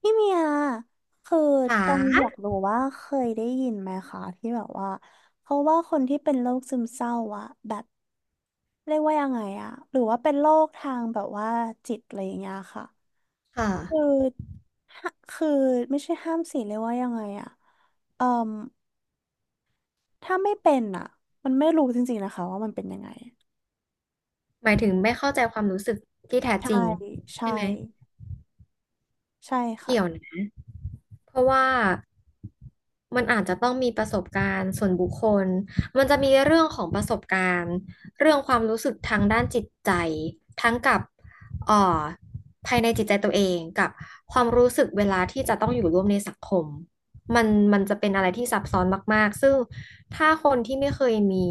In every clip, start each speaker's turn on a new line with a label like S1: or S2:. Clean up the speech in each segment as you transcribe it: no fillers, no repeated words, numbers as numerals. S1: พี่เมียคือ
S2: จ๋
S1: ต้องอยาก
S2: า
S1: รู้ว่าเคยได้ยินไหมคะที่แบบว่าเพราะว่าคนที่เป็นโรคซึมเศร้าอะแบบเรียกว่ายังไงอะหรือว่าเป็นโรคทางแบบว่าจิตอะไรอย่างเงี้ยค่ะ
S2: ค่ะ
S1: คือฮะคือไม่ใช่ห้ามสิเรียกว่ายังไงอะเอ่มถ้าไม่เป็นอะมันไม่รู้จริงๆนะคะว่ามันเป็นยังไง
S2: หมายถึงไม่เข้าใจความรู้สึกที่แท้จ
S1: ใช่
S2: ริง
S1: ใช่
S2: ใช่ไหม
S1: ใช่ค่ะ
S2: เกี่ยวนะเพราะว่ามันอาจจะต้องมีประสบการณ์ส่วนบุคคล มันจะมีเรื่องของประสบการณ์เรื่องความรู้สึกทางด้านจิตใจ ทั้งกับเอ่อภายในจิตใจตัวเองกับความรู้สึกเวลาที่จะต้องอยู่ร่วมในสังคมมันมันจะเป็นอะไรที่ซับซ้อนมากๆซึ่ง ถ้าคนที่ไม่เคยมี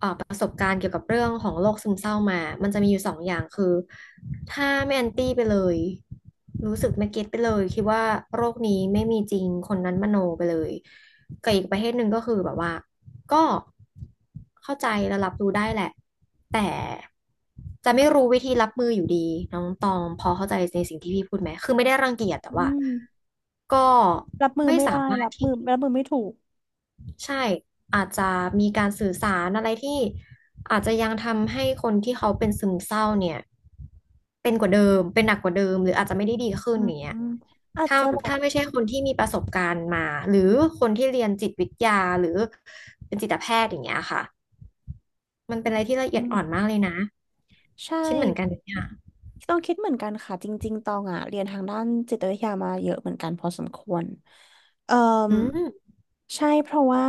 S2: ประสบการณ์เกี่ยวกับเรื่องของโรคซึมเศร้ามามันจะมีอยู่สองอย่างคือถ้าไม่แอนตี้ไปเลยรู้สึกไม่เก็ตไปเลยคิดว่าโรคนี้ไม่มีจริงคนนั้นมโนไปเลยกับอีกประเภทหนึ่งก็คือแบบว่าก็เข้าใจและรับรู้ได้แหละจะไม่รู้วิธีรับมืออยู่ดีน้องตองพอเข้าใจในสิ่งที่พี่พูดไหมคือไม่ได้รังเกียจแต่
S1: อื
S2: ว่า
S1: ม
S2: ก็
S1: รับมือ
S2: ไม่
S1: ไม่
S2: สา
S1: ได้
S2: มาร
S1: รั
S2: ถ
S1: บ
S2: ที่
S1: มือรับมือไม่ถูก
S2: ใช่อาจจะมีการสื่อสารอะไรที่อาจจะยังทำให้คนที่เขาเป็นซึมเศร้าเนี่ยเป็นกว่าเดิมเป็นหนักกว่าเดิมหรืออาจจะไม่ได้ดีขึ้
S1: อื
S2: นอย่างเนี้ย
S1: มอาจ
S2: ถ้า
S1: จะแบบ
S2: ถ้าไม่ใช่คนที่มีประสบการณ์มาหรือคนที่เรียนจิตวิทยาหรือเป็นจิตแพทย์อย่างเงี้ยค่ะมันเป็นอะไรที่ละเอียดอ่อนมากเลยนะ
S1: ใช่
S2: คิดเหมือนกันเนี่ย
S1: ต้องคิดเหมือนกันค่ะจริงๆตองอ่ะเรียนทางด้านจิตวิทยามาเยอะเหมือนกันพอสมควรเอ่อ
S2: อืม
S1: ใช่เพราะว่า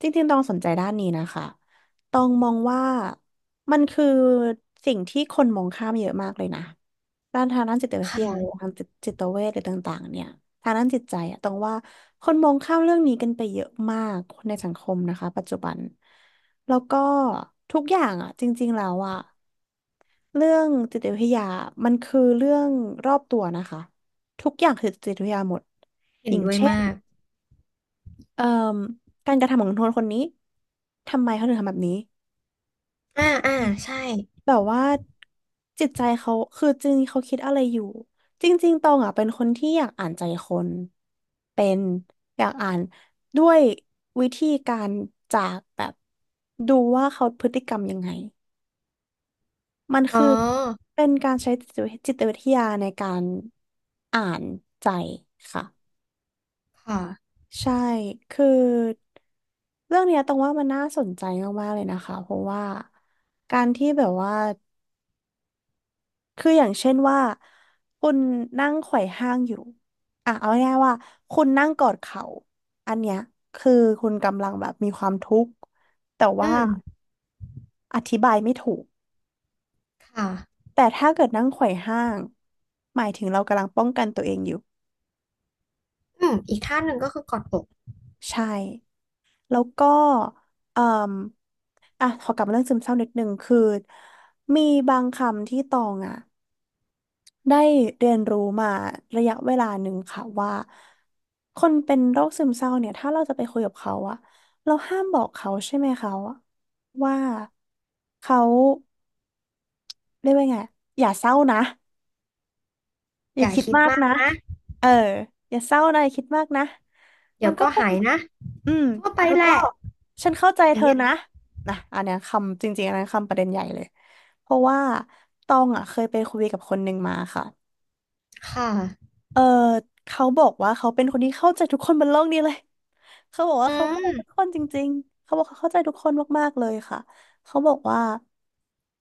S1: จริงๆตองสนใจด้านนี้นะคะตองมองว่ามันคือสิ่งที่คนมองข้ามเยอะมากเลยนะด้านทางด้านจิตวิ
S2: ค
S1: ทยาหรือ
S2: ่ะ
S1: ทางจิตเวชหรือต่างๆเนี่ยทางด้านจิตใจอะตองว่าคนมองข้ามเรื่องนี้กันไปเยอะมากในสังคมนะคะปัจจุบันแล้วก็ทุกอย่างอ่ะจริงๆแล้วอ่ะ เรื่องจิตวิทยามันคือเรื่องรอบตัวนะคะ ทุกอย่างคือจิตวิทยาหมด
S2: เห็
S1: อ
S2: น
S1: ย่าง
S2: ด้วย
S1: เช่น
S2: มาก
S1: เอ่อการกระทำของคนคนนี้ ทำไมเขาถึงทำแบบนี้
S2: อ่าอ่าใช่
S1: แบบว่าจิตใจเขาคือจริงๆเขาคิดอะไรอยู่ จริงๆตองอ่ะเป็นคนที่อยากอ่านใจคนเป็นอยากอ่านด้วยวิธีการจากแบบดูว่าเขาพฤติกรรมยังไง มัน
S2: อ๋อ
S1: คือเป็นการใช้จิตวิทยาในการอ่านใจค่ะ
S2: ค่ะ
S1: ใช่คือเรื่องเนี้ยตรงว่ามันน่าสนใจมากๆเลยนะคะเพราะว่าการที่แบบว่าคืออย่างเช่นว่าคุณนั่งไขว่ห้างอยู่อ่ะเอาง่ายๆว่าคุณนั่งกอดเข่าอันเนี้ยคือคุณกำลังแบบมีความทุกข์แต่ว่า
S2: อืม
S1: อธิบายไม่ถูก
S2: ค่ะ
S1: แต่ถ้าเกิดนั่งไขว่ห้างหมายถึงเรากำลังป้องกันตัวเองอยู่
S2: อืมอีกท่าหนึ่งก็คือกอดอก
S1: ใช่ แล้วก็เอ่มอ่ะขอกลับมาเรื่องซึมเศร้านิดนึงคือ มีบางคำที่ตองอ่ะได้เรียนรู้มาระยะเวลาหนึ่งค่ะว่าคนเป็นโรคซึมเศร้าเนี่ยถ้าเราจะไปคุยกับเขาอ่ะเราห้ามบอกเขาใช่ไหมเขาอะว่าเขาเรียกว่าไงอย่าเศร้านะอ
S2: อ
S1: ย่า
S2: ย่า
S1: คิด
S2: คิด
S1: มาก
S2: มาก
S1: นะ
S2: นะ
S1: เอออย่าเศร้านะอย่าคิดมากนะมั
S2: เดี๋ย
S1: น
S2: ว
S1: ก็
S2: ก็
S1: คง
S2: หายนะ
S1: อืม
S2: ทั่วไป
S1: แล้ว
S2: แห
S1: ก็
S2: ละ
S1: ฉันเข้าใจ
S2: อ
S1: เธ
S2: ย่าง
S1: อ
S2: เงี้ย
S1: นะนะอันเนี้ยคำจริงๆอันนั้นคำประเด็นใหญ่เลยเพราะว่าตองอ่ะเคยไปคุยกับคนหนึ่งมาค่ะ
S2: ค่ะ
S1: เออเขาบอกว่าเขาเป็นคนที่เข้าใจทุกคนบนโลกนี้เลยเขาบอกว่า
S2: อื
S1: เขาเข้าใจทุก
S2: ม
S1: คนจริงๆเขาบอกเขาเข้าใจทุกคนมากๆเลยค่ะเขาบอกว่า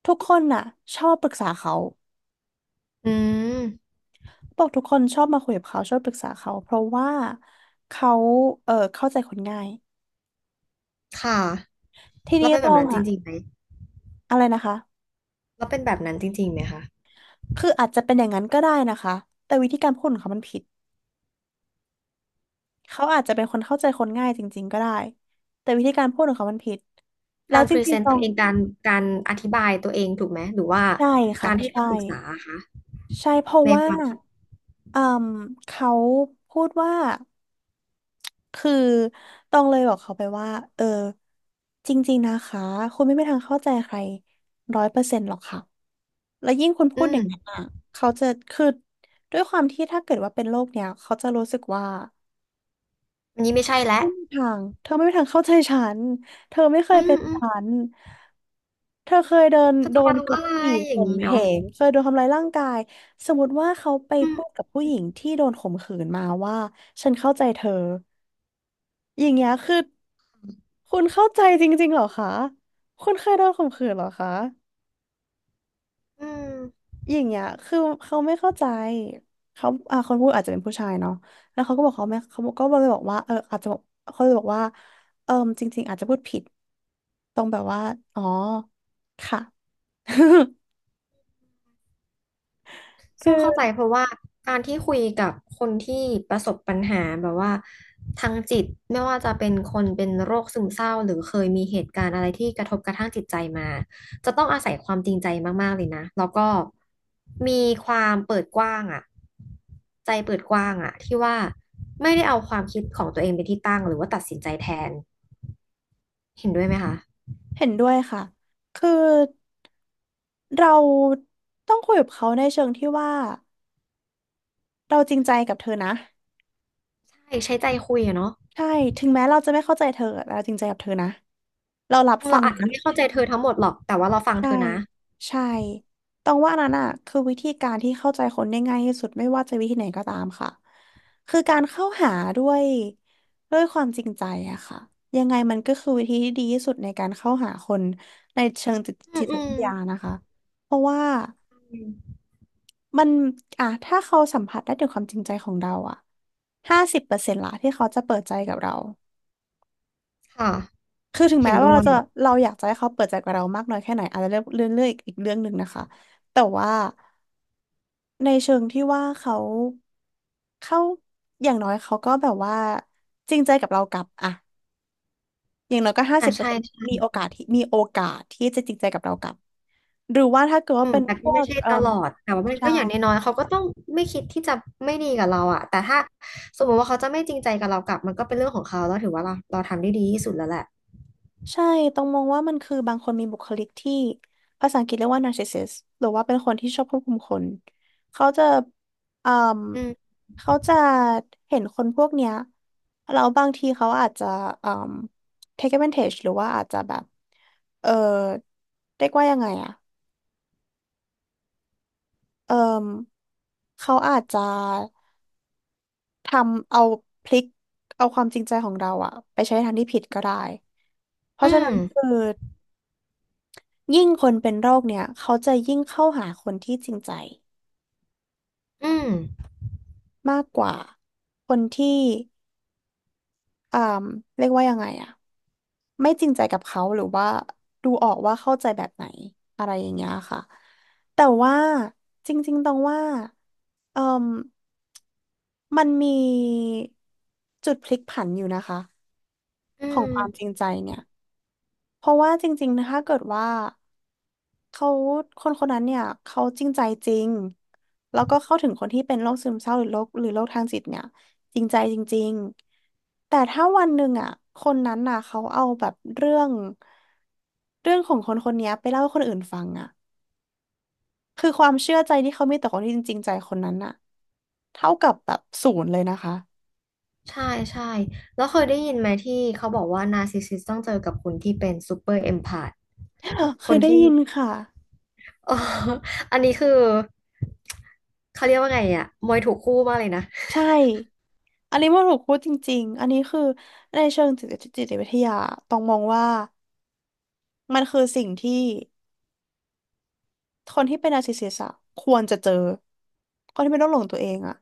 S1: ทุกคนน่ะชอบปรึกษาเขา
S2: อืม
S1: บอกทุกคนชอบมาคุยกับเขาชอบปรึกษาเขาเพราะว่าเขาเข้าใจคนง่าย
S2: ค่ะ
S1: ที
S2: เรา
S1: นี้
S2: เป็น
S1: ต
S2: แบ
S1: อ
S2: บ
S1: ง
S2: นั้นจ
S1: อ่ะ
S2: ริงๆไหม
S1: อะไรนะคะ
S2: เราเป็นแบบนั้นจริงๆไหมคะ
S1: คืออาจจะเป็นอย่างนั้นก็ได้นะคะแต่วิธีการพูดของเขามันผิดเขาอาจจะเป็นคนเข้าใจคนง่ายจริงๆก็ได้แต่วิธีการพูดของเขามันผิดแล้
S2: กา
S1: ว
S2: ร
S1: จ
S2: พรี
S1: ริ
S2: เซ
S1: ง
S2: น
S1: ๆต
S2: ต์
S1: ร
S2: ตัว
S1: ง
S2: เองการอธิบายตัวเองถูกไหมหรือว่า
S1: ใช่ค่ะ
S2: การให้
S1: ใช่
S2: คำปรึกษาอะคะ
S1: ใช่เพราะ
S2: ใน
S1: ว่า
S2: ความคิด
S1: อืมเขาพูดว่าคือตองเลยบอกเขาไปว่าเออจริงๆนะคะคุณไม่มีทางเข้าใจใคร100%หรอกค่ะ
S2: อื
S1: เด็
S2: ม
S1: กนั้นอ่ะเขาจะคือด้วยความที่ถ้าเกิดว่าเป็นโรคเนี้ยเขาจะรู้สึกว่า
S2: อันนี้ไม่ใช่แล้ว
S1: ทางเธอไม่มีทางเข้าใจฉันเธอไม่เค
S2: อื
S1: ย
S2: ม
S1: เป็น
S2: อืม
S1: ฉันเธอเคยเดิน
S2: เธอ
S1: โด
S2: จะ
S1: น
S2: มา
S1: ก
S2: รู้อะ
S1: ด
S2: ไร
S1: ขี่
S2: อ
S1: ข่
S2: ย่าง
S1: ม
S2: นี้
S1: เห
S2: เนาะ
S1: งเคยโดนทำร้ายร่างกายสมมติว่าเขาไป
S2: อื
S1: พูด
S2: ม
S1: กับผู้หญิงที่โดนข่มขืนมาว่าฉันเข้าใจเธออย่างเงี้ยคือคุณเข้าใจจริงๆเหรอคะคุณเคยโดนข่มขืนเหรอคะ
S2: อืม
S1: อย่างเงี้ยคือเขาไม่เข้าใจเขาคนพูดอาจจะเป็นผู้ชายเนาะแล้วเขาก็บอกเขาไม่เขาก็เลยบอกว่าอาจจะบอกเขาเลยบอกว่าเออจริงๆอาจจะพูดผิด ตรงแบบว่า อ๋อ ค่ะ คื
S2: ซึ่งเข้าใจ
S1: อ
S2: เพราะว่าการที่คุยกับคนที่ประสบปัญหาแบบว่าทางจิตไม่ว่าจะเป็นคนเป็นโรคซึมเศร้าหรือเคยมีเหตุการณ์อะไรที่กระทบกระทั่งจิตใจมาจะต้องอาศัยความจริงใจมากๆเลยนะแล้วก็มีความเปิดกว้างอะใจเปิดกว้างอะที่ว่าไม่ได้เอาความคิดของตัวเองเป็นที่ตั้งหรือว่าตัดสินใจแทนเห็นด้วยไหมคะ
S1: เห็นด้วยค่ะ คือเราต้องคุยกับเขาในเชิงที่ว่าเราจริงใจกับเธอนะ
S2: ใช่ใช้ใจคุยอะเนาะ
S1: ใช่ ถึงแม้เราจะไม่เข้าใจเธอ เราจริงใจกับเธอนะ เรารับฟั
S2: เรา
S1: ง
S2: อาจจะ
S1: นะ
S2: ไม่เข้าใจเธอทั้งหมดหรอกแต่ว่าเราฟัง
S1: ใช่
S2: เธอนะ
S1: ใช่ต้องว่านั้นอ่ะคือวิธีการที่เข้าใจคนได้ง่ายที่สุดไม่ว่าจะวิธีไหนก็ตามค่ะคือการเข้าหาด้วยด้วยความจริงใจอะค่ะยังไงมันก็คือวิธีที่ดีที่สุดในการเข้าหาคนในเชิงจิต
S2: อื
S1: จิ
S2: ม
S1: ต
S2: อื
S1: วิ
S2: ม
S1: ทยานะคะเพราะว่ามันอ่ะถ้าเขาสัมผัสได้ถึงความจริงใจของเราอะ50%ละที่เขาจะเปิดใจกับเรา
S2: ค่ะ
S1: คือถึง
S2: เห็
S1: แม้
S2: น
S1: ว่า
S2: ด้
S1: เรา
S2: วย
S1: จะ เราอยากจะให้เขาเปิดใจกับเรามากน้อยแค่ไหนอาจจะเรื่องอีกเรื่องหนึ่งนะคะแต่ว่า ในเชิงที่ว่าเขาอย่างน้อยเขาก็แบบว่าจริงใจกับเรากลับอะอย่างน้อยก็ห้า
S2: อ่า
S1: สิบเปอร์
S2: ใช่
S1: เซ็นต์
S2: ใช่
S1: มีโอกาสที่จะจริงใจกับเรากลับหรือว่าถ้าเกิด
S2: อื
S1: ว่า
S2: ม
S1: เป็น
S2: แต่
S1: พ
S2: ก็
S1: ว
S2: ไม่
S1: ก
S2: ใช่ตลอด แต่ว่ามัน
S1: ใช่
S2: ก็อย่างน้อยๆ เขาก็ต้องไม่คิดที่จะไม่ดีกับเราอะแต่ถ้าสมมติว่าเขาจะไม่จริงใจกับเรากลับมันก็เป็นเรื่องของเขาแล้วถือว่าเราทำได้ดีที่สุดแล้วแหละ
S1: ใช่ ต้องมองว่ามันคือบางคนมีบุคลิกที่ภาษาอังกฤษเรียกว่า narcissist หรือว่าเป็นคนที่ชอบควบคุมคนเขาจะอืม
S2: อืม
S1: เขาจะเห็นคนพวกเนี้ยแล้วบางทีเขาอาจจะอืม take advantage หรือว่าอาจจะแบบ เออเรียกว่ายังไงอะ เออเขาอาจจะทำเอาพลิกเอาความจริงใจของเราอะไปใช้ในทางที่ผิดก็ได้ เพราะ
S2: อื
S1: ฉะนั้
S2: ม
S1: นคือ ยิ่งคนเป็นโรคเนี่ยเขาจะยิ่งเข้าหาคนที่จริงใจ
S2: อืม
S1: มากกว่าคนที่อ่าเรียกว่ายังไงอะไม่จริงใจกับเขาหรือว่าดูออกว่าเข้าใจแบบไหนอะไรอย่างเงี้ยค่ะแต่ว่าจริงๆตรงว่าเอ่มมันมีจุดพลิกผันอยู่นะคะ
S2: อื
S1: ของ
S2: ม
S1: ความจริงใจเนี่ย เพราะว่าจริงๆนะถ้าเกิดว่าเขาคนคนนั้นเนี่ยเขาจริงใจจริงแล้วก็เข้าถึงคนที่เป็นโรคซึมเศร้าหรือโรคทางจิตเนี่ยจริงใจจริงๆแต่ถ้าวันหนึ่งอ่ะคนนั้นน่ะเขาเอาแบบเรื่องของคนคนเนี้ยไปเล่าให้คนอื่นฟังอ่ะคือความเชื่อใจที่เขามีต่อคนที่จริงใจคนนั้นน่ะเท่ากับแบบศูนย์เลยนะคะ
S2: ใช่ใช่แล้วเคยได้ยินไหมที่เขาบอกว่านาร์ซิสซิสต้องเจอกับคนที่เป็นซูเปอร์เอมพาธ
S1: เค
S2: ค
S1: ย
S2: น
S1: ได้
S2: ที่
S1: ยินค่ะ
S2: อ๋ออันนี้คือเขาเรียกว่าไงอะมวยถูกคู่มากเลยนะ
S1: ใช่อันนี้มันถูกพูดจริงๆอันนี้คือในเชิงจิตจิตวิทยาต้องมองว่ามันคือสิ่งที่คนที่เป็นนาร์ซิสซิสต์อะควรจะเจอคนที่เป็นโรคหลงตัวเองอะ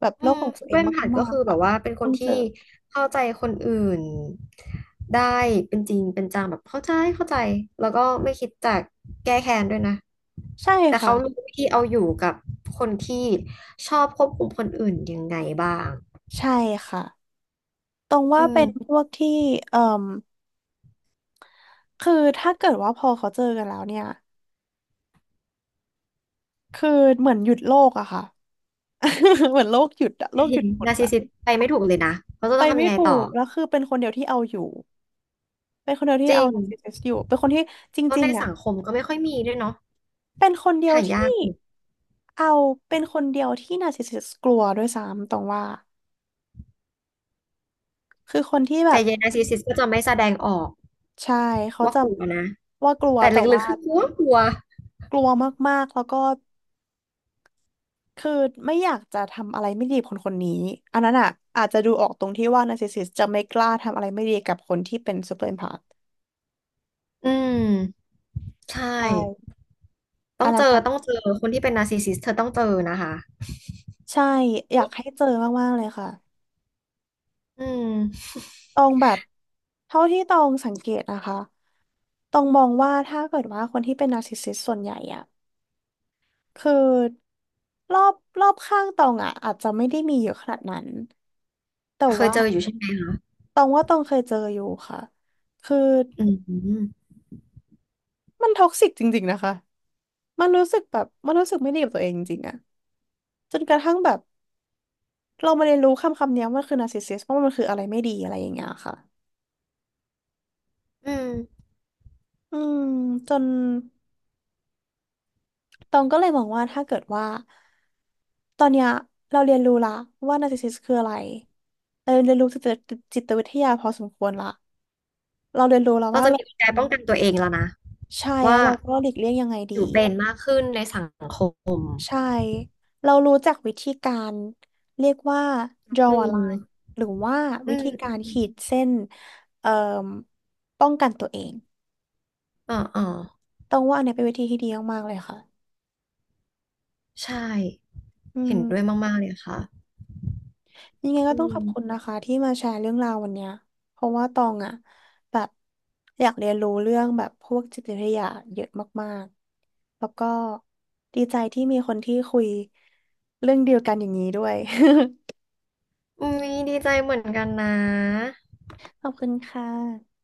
S1: แบบ
S2: อื
S1: โรค
S2: ม
S1: หลงตั
S2: ซู
S1: วเอ
S2: เป
S1: ง
S2: อร์มหัด
S1: มา
S2: ก็
S1: ก
S2: คือ
S1: ๆ
S2: แบ
S1: อะ
S2: บว่าเป็นค
S1: ต้
S2: น
S1: องเจ
S2: ที่
S1: อ
S2: เข้าใจคนอื่นได้เป็นจริงเป็นจังแบบเข้าใจเข้าใจแล้วก็ไม่คิดจะแก้แค้นด้วยนะ
S1: ใช่
S2: แต่
S1: ค่ะ
S2: เขารู้วิธีเอาอยู่กับคนที่ชอบควบคุมคนอื่นยังไงบ้าง
S1: ใช่ค่ะตรงว่า
S2: อื
S1: เป็
S2: ม
S1: นพวกที่เอ่มคือถ้าเกิดว่าพอเขาเจอกันแล้วเนี่ยคือเหมือนหยุดโลกอะค่ะ เหมือนโลกหยุดอะโลกห
S2: เห็
S1: ยุ
S2: น
S1: ดหมด
S2: นาร์ซิส
S1: อะ
S2: ซิสต์ไปไม่ถูกเลยนะเขาจะ
S1: ไป
S2: ต้องทำ
S1: ไม่
S2: ยังไง
S1: ถู
S2: ต่อ
S1: กแล้วคือเป็นคนเดียวที่เอาอยู่ เป็นคนเดียวที่
S2: จริ
S1: เอา
S2: ง
S1: narcissist อยู่เป็นคนที่จ
S2: แล้ว
S1: ริ
S2: ใน
S1: งๆอ่ะ
S2: สังคมก็ไม่ค่อยมีด้วยเนาะ
S1: เป็นคนเดียว
S2: หายาก
S1: ที่
S2: อยู่
S1: เอาเป็นคนเดียวที่ narcissist กลัวด้วยซ้ำตรงว่า คือคนที่แบ
S2: แต่
S1: บ
S2: เยนาร์ซิสซิสต์ก็จะไม่แสดงออก
S1: ใช่เขา
S2: ว่า
S1: จะ
S2: กลัวนะ
S1: ว่ากลัว
S2: แต่
S1: แต่
S2: ลึก
S1: ว่า
S2: ๆคือกลัวกลัว
S1: กลัวมากๆแล้วก็คือไม่อยากจะทำอะไรไม่ดีกับคนคนนี้อันนั้นอ่ะอาจจะดูออกตรงที่ว่า narcissist จะไม่กล้าทำอะไรไม่ดีกับคนที่เป็น super empath
S2: อืม ใช่
S1: ใช่
S2: ต้
S1: อั
S2: อ
S1: น
S2: งเจ
S1: นั้น
S2: อ ต้อง
S1: อ่ะ
S2: เจอ คนที่เป็นนาร์ซิสซิสเธอต้องเจอนะคะ
S1: ใช่อยากให้เจอมากๆเลยค่ะ
S2: อืม
S1: ตองแบบเท่าที่ตองสังเกตนะคะตองมองว่าถ้าเกิดว่าคนที่เป็นนาร์ซิสซิสส่วนใหญ่อะคือรอบรอบข้างตองอะอาจจะไม่ได้มีเยอะขนาดนั้นแต่
S2: แต่เคย
S1: ว่า
S2: เจออยู่ใช่ไหม
S1: ตองว่าตองเคยเจออยู่ค่ะคือ
S2: อืม
S1: มันท็อกซิกจริงๆนะคะมันรู้สึกไม่ดีกับตัวเองจริงๆอะจนกระทั่งแบบเรามาเรียนรู้คำคำนี้ว่ามันคือนาร์ซิสซิสว่าะมันคืออะไรไม่ดีอะไรอย่างเงี้ยค่ะ
S2: อืม
S1: อืมจน ตองก็เลยมองว่าถ้าเกิดว่าตอนเนี้ยเราเรียนรู้ละว่านาร์ซิสซิสคืออะไรเราเรียนรู้จิตจิตวิทยาพอสมควรละเราเรียนรู้แล้ว
S2: เรา
S1: ว่า
S2: จะ
S1: เรา
S2: มีกล
S1: ค
S2: ไก
S1: วร
S2: ป้องกันตัวเองแล้วนะ
S1: ใช่แล้
S2: ว่า
S1: วเราก็หลีกเลี่ยงยังไงดี
S2: อยู่เป็นมากขึ้นในสังคม
S1: ใช่เรารู้จักวิธีการเรียกว่า
S2: อื
S1: draw a line
S2: ม
S1: หรือว่า
S2: อื
S1: วิ
S2: ม
S1: ธีกา
S2: อื
S1: ร
S2: ม
S1: ขีดเส้นเอ่อป้องกันตัวเอง
S2: อ๋ออ๋อ
S1: ต้องว่าอันเนี้ยเป็นวิธีที่ดีมากๆเลยค่ะ
S2: ใช่
S1: อื
S2: เห็นด้วย
S1: ม
S2: มากๆเลยค่ะ
S1: ยังไงก็
S2: อื
S1: ต้องขอบคุณ
S2: ม
S1: นะคะที่มาแชร์เรื่องราววันเนี้ยเพราะว่าตองอ่ะแบบอยากเรียนรู้เรื่องแบบพวกจิตวิทยาเยอะมากๆแล้วก็ดีใจที่มีคนที่คุยเรื่องเดียวกันอย่างนี้ด้วย
S2: อุ้ยดีใจเหมือนกันนะ
S1: ขอบคุณค่ะ